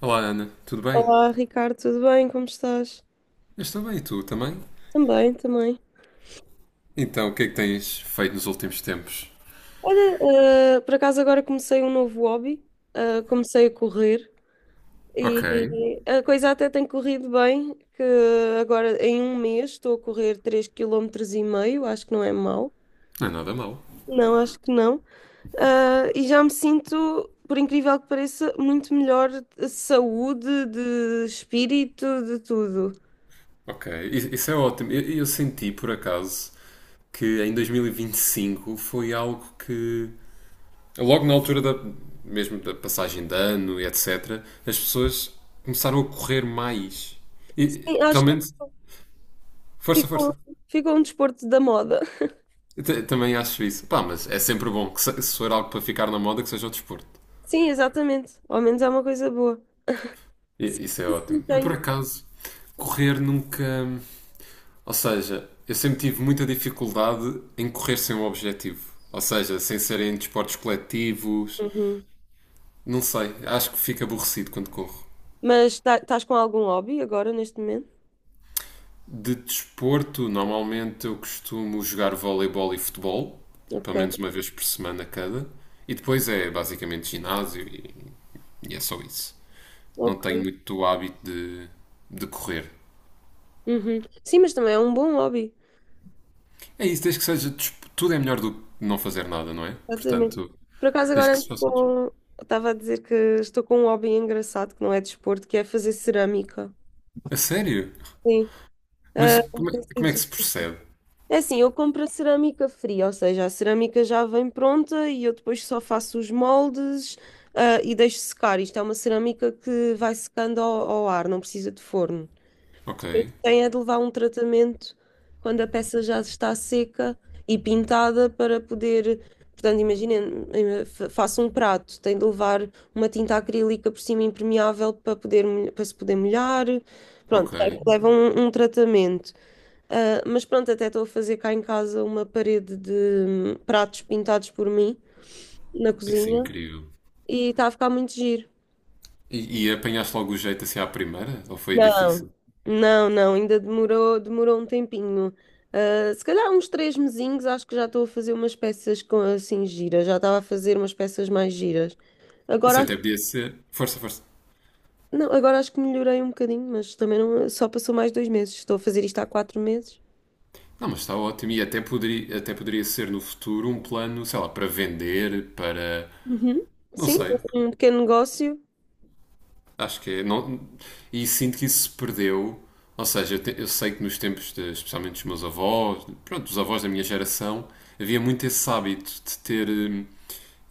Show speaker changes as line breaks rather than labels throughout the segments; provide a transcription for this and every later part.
Olá Ana, tudo bem?
Olá, Ricardo, tudo bem? Como estás?
Eu estou bem e tu também?
Também, também.
Então, o que é que tens feito nos últimos tempos?
Olha, por acaso agora comecei um novo hobby, comecei a correr
Ok,
e a coisa até tem corrido bem, que agora em um mês estou a correr 3,5 km, acho que não é mau.
não é nada mal.
Não, acho que não. Ah, e já me sinto, por incrível que pareça, muito melhor de saúde, de espírito, de tudo.
Ok, isso é ótimo. Eu senti por acaso que em 2025 foi algo que, logo na altura da, mesmo da passagem de ano e etc., as pessoas começaram a correr mais. E,
Sim, acho
pelo
que
menos, força,
ficou,
força.
ficou um desporto da moda.
Eu também acho isso. Pá, mas é sempre bom que se for algo para ficar na moda, que seja o desporto.
Sim, exatamente. Ao menos é uma coisa boa.
Isso é
Não
ótimo. Eu, por
tenho.
acaso, correr nunca. Ou seja, eu sempre tive muita dificuldade em correr sem um objetivo. Ou seja, sem serem desportos coletivos.
Uhum.
Não sei, acho que fico aborrecido quando corro.
Mas estás com algum hobby agora neste momento?
De desporto, normalmente eu costumo jogar voleibol e futebol, pelo menos
Ok,
uma vez por semana cada. E depois é basicamente ginásio e é só isso. Não tenho
ok.
muito hábito de correr.
Uhum. Sim, mas também é um bom hobby.
É isso, desde que seja. Tudo é melhor do que não fazer nada, não é?
Exatamente.
Portanto,
Por acaso
desde
agora
que se faça.
estava a dizer que estou com um hobby engraçado que não é desporto, que é fazer cerâmica.
A sério?
Sim.
Mas
Ah,
como é que se
giro.
percebe?
É assim, eu compro a cerâmica fria, ou seja, a cerâmica já vem pronta e eu depois só faço os moldes, ah, e deixo secar. Isto é uma cerâmica que vai secando ao ar, não precisa de forno.
Ok,
Tem é de levar um tratamento quando a peça já está seca e pintada para poder. Portanto, imaginem, faço um prato, tem de levar uma tinta acrílica por cima impermeável para poder, para se poder molhar.
ok.
Pronto, é que leva um tratamento. Ah, mas pronto, até estou a fazer cá em casa uma parede de pratos pintados por mim na
Isso é
cozinha,
incrível.
e está a ficar muito giro.
E apanhaste logo o jeito assim à primeira? Ou foi
Não,
difícil?
não, não, ainda demorou um tempinho. Ah, se calhar uns 3 mesinhos, acho que já estou a fazer umas peças com, assim giras, já estava a fazer umas peças mais giras. Agora,
Isso até podia ser. Força, força.
não, agora acho que melhorei um bocadinho, mas também não, só passou mais 2 meses. Estou a fazer isto há 4 meses.
Não, mas está ótimo. E até poderia ser no futuro um plano, sei lá, para vender, para.
Uhum.
Não
Sim,
sei.
um pequeno negócio.
Acho que é. Não, e sinto que isso se perdeu. Ou seja, eu sei que nos tempos, especialmente dos meus avós, pronto, dos avós da minha geração, havia muito esse hábito de ter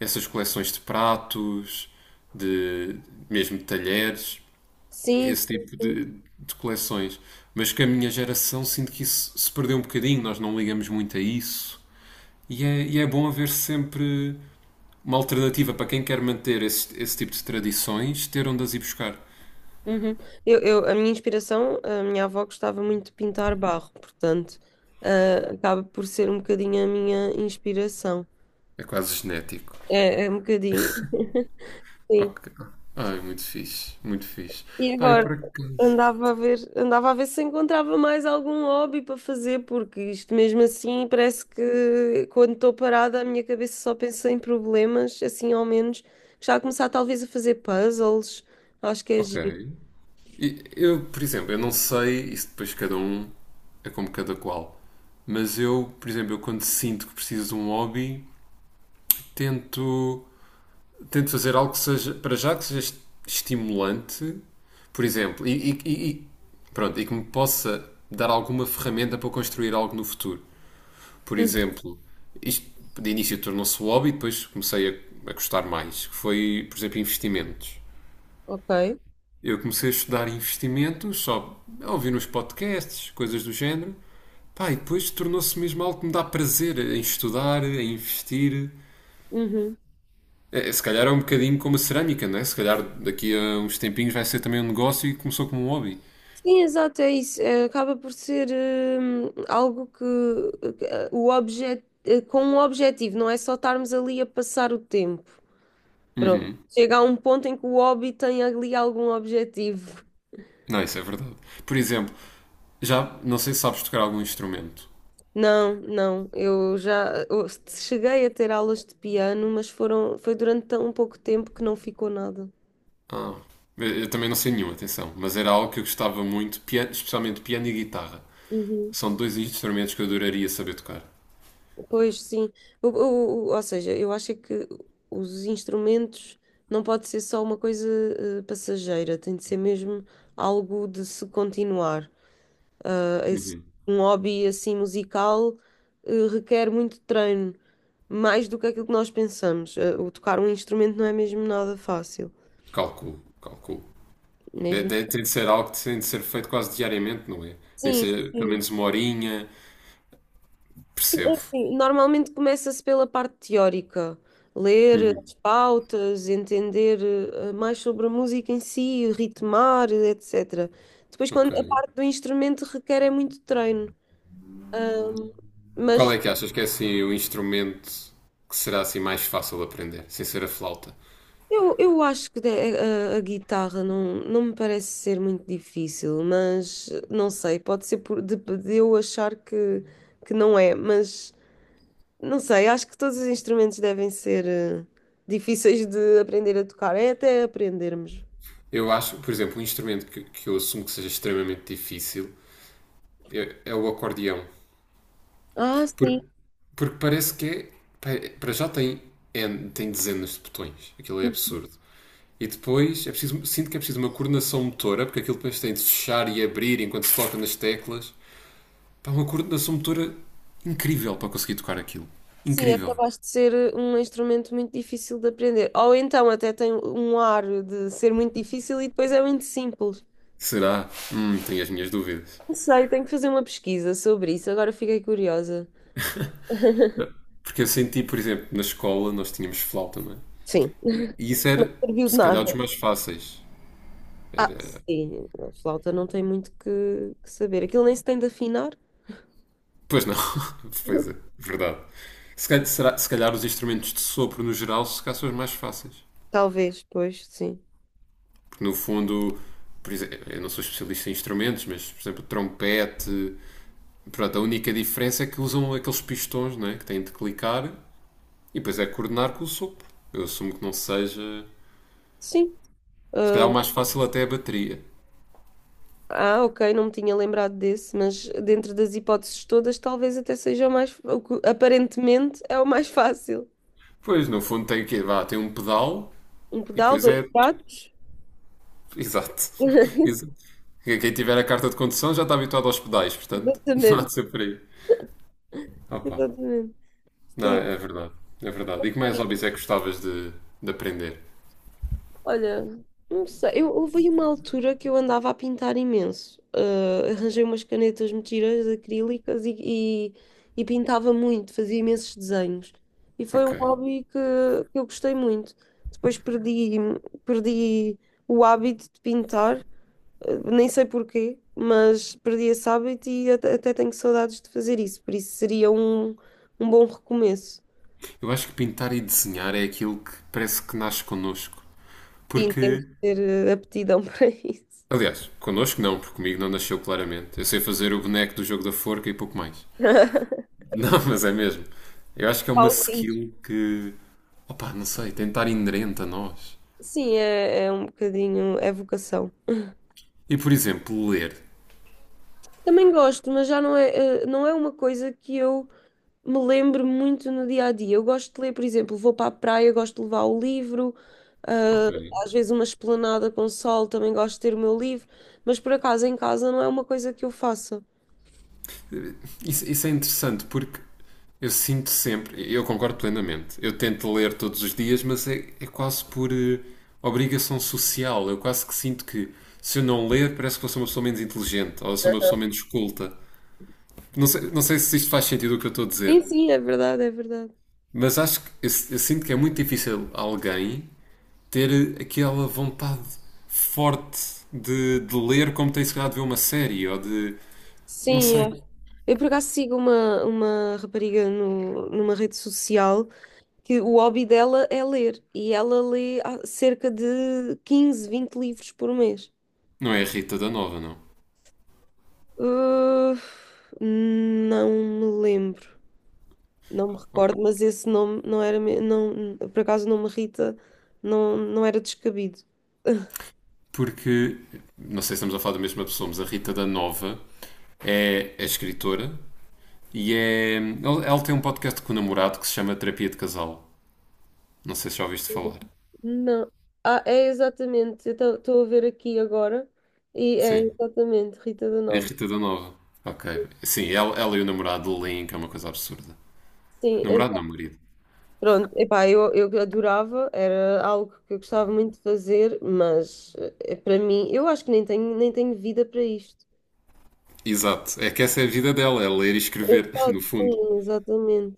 essas coleções de pratos, de mesmo de talheres,
Sim,
esse
sim,
tipo
sim.
de coleções. Mas que a minha geração sinto que isso se perdeu um bocadinho, nós não ligamos muito a isso. E é bom haver sempre uma alternativa para quem quer manter esse tipo de tradições, ter onde as ir buscar.
Uhum. A minha inspiração, a minha avó gostava muito de pintar barro, portanto, ah, acaba por ser um bocadinho a minha inspiração.
É quase genético.
É, é um bocadinho. Sim.
Ok. Ai, muito fixe, muito fixe.
E
Ah, eu
agora
por acaso.
andava a ver se encontrava mais algum hobby para fazer, porque isto mesmo assim parece que quando estou parada a minha cabeça só pensa em problemas, assim ao menos. Já a começar talvez a fazer puzzles, acho que é
Ok.
giro.
E eu, por exemplo, eu não sei, isso depois cada um é como cada qual. Mas eu, por exemplo, eu quando sinto que preciso de um hobby, tento, tento fazer algo que seja, para já que seja estimulante, por exemplo, pronto, e que me possa dar alguma ferramenta para construir algo no futuro. Por
Hum,
exemplo, isto de início tornou-se um hobby, depois comecei a gostar mais, que foi, por exemplo, investimentos.
Ok.
Eu comecei a estudar investimentos, só a ouvir uns podcasts, coisas do género. Pá, e depois tornou-se mesmo algo que me dá prazer em estudar, em investir.
Uhum.
É, se calhar é um bocadinho como a cerâmica, não é? Se calhar daqui a uns tempinhos vai ser também um negócio e começou como um hobby.
Sim, exato, é isso. É, acaba por ser algo que o objeto, com um objetivo, não é só estarmos ali a passar o tempo. Pronto.
Uhum.
Chega a um ponto em que o hobby tem ali algum objetivo.
Não, isso é verdade. Por exemplo, já não sei se sabes tocar algum instrumento.
Não, não, eu cheguei a ter aulas de piano, mas foi durante tão pouco tempo que não ficou nada.
Ah, eu também não sei nenhuma, atenção, mas era algo que eu gostava muito, especialmente piano e guitarra.
Uhum.
São dois instrumentos que eu adoraria saber tocar.
Pois sim, ou seja, eu acho é que os instrumentos não pode ser só uma coisa passageira, tem de ser mesmo algo de se continuar. Eh, esse- um hobby assim musical requer muito treino, mais do que aquilo que nós pensamos. O tocar um instrumento não é mesmo nada fácil.
Calculo, calculo. De-
Mesmo.
de- tem de ser algo que tem de ser feito quase diariamente, não é? Tem que
Sim,
ser pelo
sim.
menos uma horinha.
Sim, é
Percebo.
assim. Normalmente começa-se pela parte teórica, ler as pautas, entender mais sobre a música em si, ritmar, etc. Depois, quando
Ok.
a parte do instrumento requer é muito treino. Ahm,
Qual
mas
é que achas que é assim o instrumento que será assim mais fácil de aprender, sem ser a flauta?
Eu, eu acho que a guitarra não, não me parece ser muito difícil, mas não sei, pode ser de eu achar que não é, mas não sei, acho que todos os instrumentos devem ser difíceis de aprender a tocar, é até aprendermos.
Eu acho, por exemplo, um instrumento que eu assumo que seja extremamente difícil é o acordeão.
Ah, sim.
Porque, porque parece que é. Pá, para já tem, tem dezenas de botões. Aquilo é absurdo. E depois é preciso, sinto que é preciso uma coordenação motora, porque aquilo depois tem de fechar e abrir enquanto se toca nas teclas. Pá, uma coordenação motora incrível para conseguir tocar aquilo.
Sim, é
Incrível.
capaz de ser um instrumento muito difícil de aprender. Ou então até tem um ar de ser muito difícil e depois é muito simples.
Será? Tenho as minhas dúvidas.
Não sei, tenho que fazer uma pesquisa sobre isso, agora fiquei curiosa.
Ah, porque eu senti, por exemplo, na escola nós tínhamos flauta, não é?
Sim,
E isso
não
era,
serviu de
se
nada.
calhar, dos mais fáceis.
Ah, sim, a flauta não tem muito que saber. Aquilo nem se tem de afinar.
Pois não. Pois é, verdade. Se calhar, se calhar os instrumentos de sopro no geral se calhar são os mais fáceis.
Talvez, pois, sim.
Porque no fundo, por exemplo, eu não sou especialista em instrumentos, mas por exemplo, trompete. Pronto, a única diferença é que usam aqueles pistões né, que têm de clicar e depois é coordenar com o sopro. Eu assumo que não seja.
Sim.
Se calhar o mais fácil até é a bateria.
Ah, ah, ok, não me tinha lembrado desse, mas dentro das hipóteses todas, talvez até seja o mais, o que aparentemente é o mais fácil.
Pois, no fundo tem o quê? Vá, tem um pedal
Um
e
pedal,
depois
dois
é.
pratos.
Exato. Exato. Quem tiver a carta de condução já está habituado aos pedais, portanto, não há
Exatamente,
de ser por aí. Opa.
exatamente.
Não,
Sim.
é verdade. É verdade. E que mais hobbies é que gostavas de aprender?
Olha, não sei. Houve aí uma altura que eu andava a pintar imenso. Ah, arranjei umas canetas mentiras acrílicas e, e pintava muito, fazia imensos desenhos. E foi um
Ok.
hobby que eu gostei muito. Depois perdi o hábito de pintar, ah, nem sei porquê, mas perdi esse hábito e até tenho saudades de fazer isso. Por isso seria um bom recomeço.
Eu acho que pintar e desenhar é aquilo que parece que nasce connosco.
Sim, temos
Porque.
de ter aptidão para isso.
Aliás, connosco não, porque comigo não nasceu claramente. Eu sei fazer o boneco do jogo da forca e pouco mais. Não, mas é mesmo. Eu acho que é uma
Pauzinho.
skill que. Opa, não sei, tem de estar inerente a nós.
Sim, é, é um bocadinho, é vocação.
E por exemplo, ler.
Também gosto, mas já não é, não é uma coisa que eu me lembro muito no dia a dia. Eu gosto de ler, por exemplo, vou para a praia, gosto de levar o livro,
Ok.
ah, às vezes uma esplanada com sol, também gosto de ter o meu livro, mas por acaso em casa não é uma coisa que eu faça.
Isso é interessante porque eu sinto sempre, eu concordo plenamente. Eu tento ler todos os dias, mas é quase por obrigação social. Eu quase que sinto que se eu não ler, parece que eu sou uma pessoa menos inteligente ou eu sou uma pessoa menos culta. Não sei se isto faz sentido o que eu estou a dizer,
Sim, sim, é verdade, é verdade.
mas acho que eu sinto que é muito difícil alguém ter aquela vontade forte de ler como tem se calhar de ver uma série ou de. Não
Sim,
sei.
é. Eu por acaso sigo uma rapariga no, numa rede social que o hobby dela é ler, e ela lê cerca de 15-20 livros por mês.
Não é a Rita da Nova, não.
Uh, não me lembro, não me recordo, mas esse nome não era, não, por acaso o nome Rita não, não era descabido.
Porque não sei se estamos a falar da mesma pessoa, mas a Rita da Nova é escritora e é. Ela tem um podcast com o namorado que se chama Terapia de Casal. Não sei se já ouviste falar.
Não. Ah, é exatamente, eu estou a ver aqui agora e é
Sim,
exatamente Rita da
é a
Nova.
Rita da Nova. Ok. Sim, ela e o namorado leem, que é uma coisa absurda.
Sim.
Namorado não, marido.
Pronto, epá, eu adorava, era algo que eu gostava muito de fazer, mas para mim, eu acho que nem tenho vida para isto.
Exato. É que essa é a vida dela, é ler e escrever,
Exato,
no fundo.
sim, exatamente.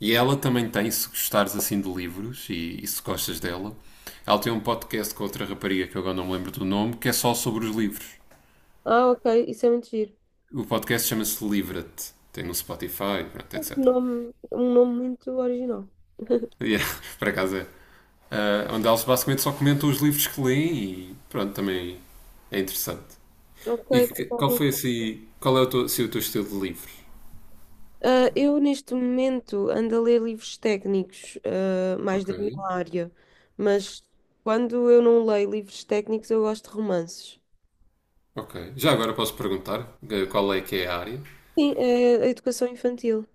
E ela também tem, se gostares assim de livros e se gostas dela, ela tem um podcast com outra rapariga que eu agora não me lembro do nome, que é só sobre os livros.
Ah, ok, isso é muito giro.
O podcast chama-se Livra-te. Tem no Spotify, pronto,
Um
etc.
nome, um nome muito original.
Yeah, por acaso é. Ah, onde eles basicamente só comentam os livros que leem e pronto, também é interessante.
Ok,
E qual
Paulo.
foi assim. Qual é o teu, assim, o teu estilo de livros?
Ah, eu neste momento ando a ler livros técnicos, mais
Ok.
da minha área, mas quando eu não leio livros técnicos, eu gosto de romances.
Ok. Já agora posso perguntar qual é que é a área?
Sim, é a educação infantil.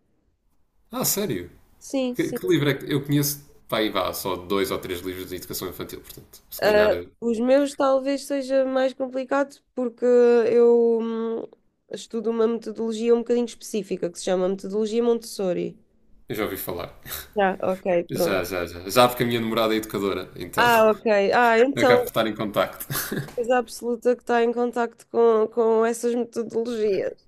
Ah, sério?
Sim,
Que,
sim.
que livro é que. Eu conheço, pá, aí vá, só dois ou três livros de educação infantil, portanto, se calhar
Ah, os meus talvez seja mais complicado porque eu estudo uma metodologia um bocadinho específica que se chama metodologia Montessori.
eu já ouvi falar.
Já. Ok,
Já,
pronto.
já, já. Já porque a minha namorada é educadora, então
Ah, ok. Ah,
acabo
então,
de estar em contacto.
coisa absoluta que está em contacto com essas metodologias.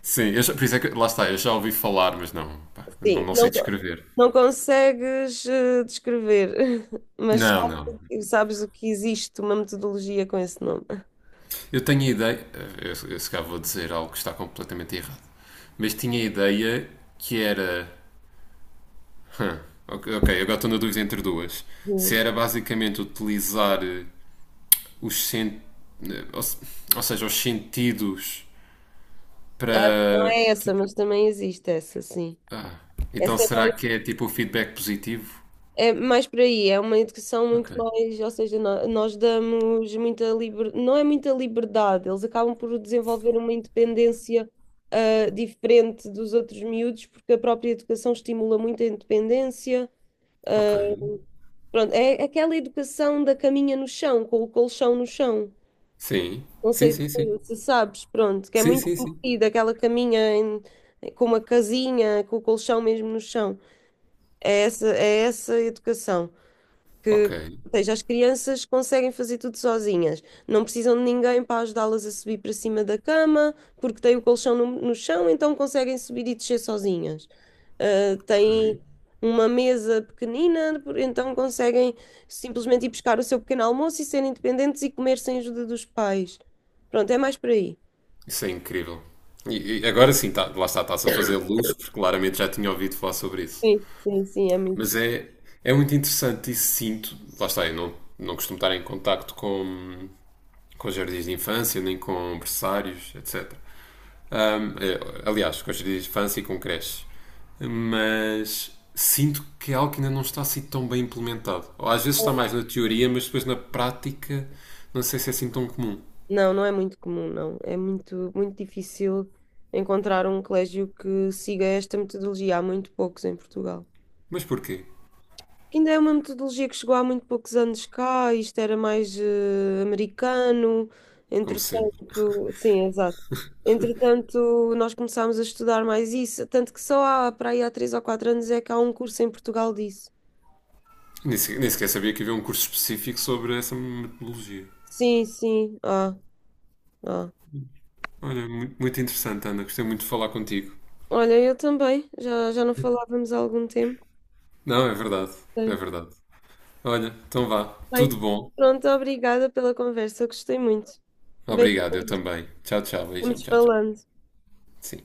Sim, eu por isso é que lá está, eu já ouvi falar, mas não, pá, não,
Sim,
não sei
não,
descrever.
não consegues descrever, mas
Não, não.
sabes o que existe uma metodologia com esse nome.
Eu tenho a ideia, eu se calhar vou dizer algo que está completamente errado, mas tinha a ideia que era. hum, ok, ok, agora estou na dúvida entre duas. Se
Hum.
era basicamente utilizar eh, os sen, eh, ou, se- ou seja, os sentidos
Ah, não
para.
é essa, mas também existe essa, sim.
Ah, então
Essa é
será
mais
que é tipo o feedback positivo?
É mais por aí, é uma educação
Ok,
muito mais, ou seja, nós damos muita liberdade, não é muita liberdade, eles acabam por desenvolver uma independência diferente dos outros miúdos, porque a própria educação estimula muito a independência.
ok.
Pronto, é aquela educação da caminha no chão, com o colchão no chão.
Sim,
Não
sim,
sei se
sim, sim.
se sabes, pronto, que é
Sim,
muito
sim, sim.
conhecida, aquela caminha com uma casinha, com o colchão mesmo no chão. É essa educação,
Ok.
que, ou seja, as crianças conseguem fazer tudo sozinhas, não precisam de ninguém para ajudá-las a subir para cima da cama, porque têm o colchão no chão, então conseguem subir e descer sozinhas. Ah,
Uhum.
têm uma mesa pequenina, então conseguem simplesmente ir buscar o seu pequeno almoço e serem independentes e comer sem ajuda dos pais. Pronto, é mais por aí.
Isso é incrível. E agora sim, tá, lá está, está-se a fazer luz, porque claramente já tinha ouvido falar sobre isso.
Sim, sim, sim, é muito
Mas
giro.
é muito interessante e sinto, lá está, eu não costumo estar em contacto com jardins de infância, nem com berçários, etc. É, aliás, com jardins de infância e com creches. Mas sinto que é algo que ainda não está assim tão bem implementado. Ou às vezes está mais na teoria, mas depois na prática não sei se é assim tão comum.
Não, não é muito comum, não. É muito, muito difícil encontrar um colégio que siga esta metodologia. Há muito poucos em Portugal.
Mas porquê?
Que ainda é uma metodologia que chegou há muito poucos anos cá, isto era mais americano,
Como sempre.
entretanto, sim, exato. Entretanto, nós começámos a estudar mais isso, tanto que só há, para aí há 3 ou 4 anos é que há um curso em Portugal disso.
Nem sequer sabia que havia um curso específico sobre essa metodologia.
Sim, sim, ah, ah.
Olha, muito, muito interessante, Ana. Gostei muito de falar contigo.
Olha, eu também, já não falávamos há algum tempo.
Não, é verdade. É
Sim.
verdade. Olha, então vá.
Bem,
Tudo bom.
pronto, obrigada pela conversa, gostei muito.
Obrigado, eu
Beijinhos,
também. Tchau, tchau. Beijinho.
estamos
Tchau, tchau.
falando.
Sim.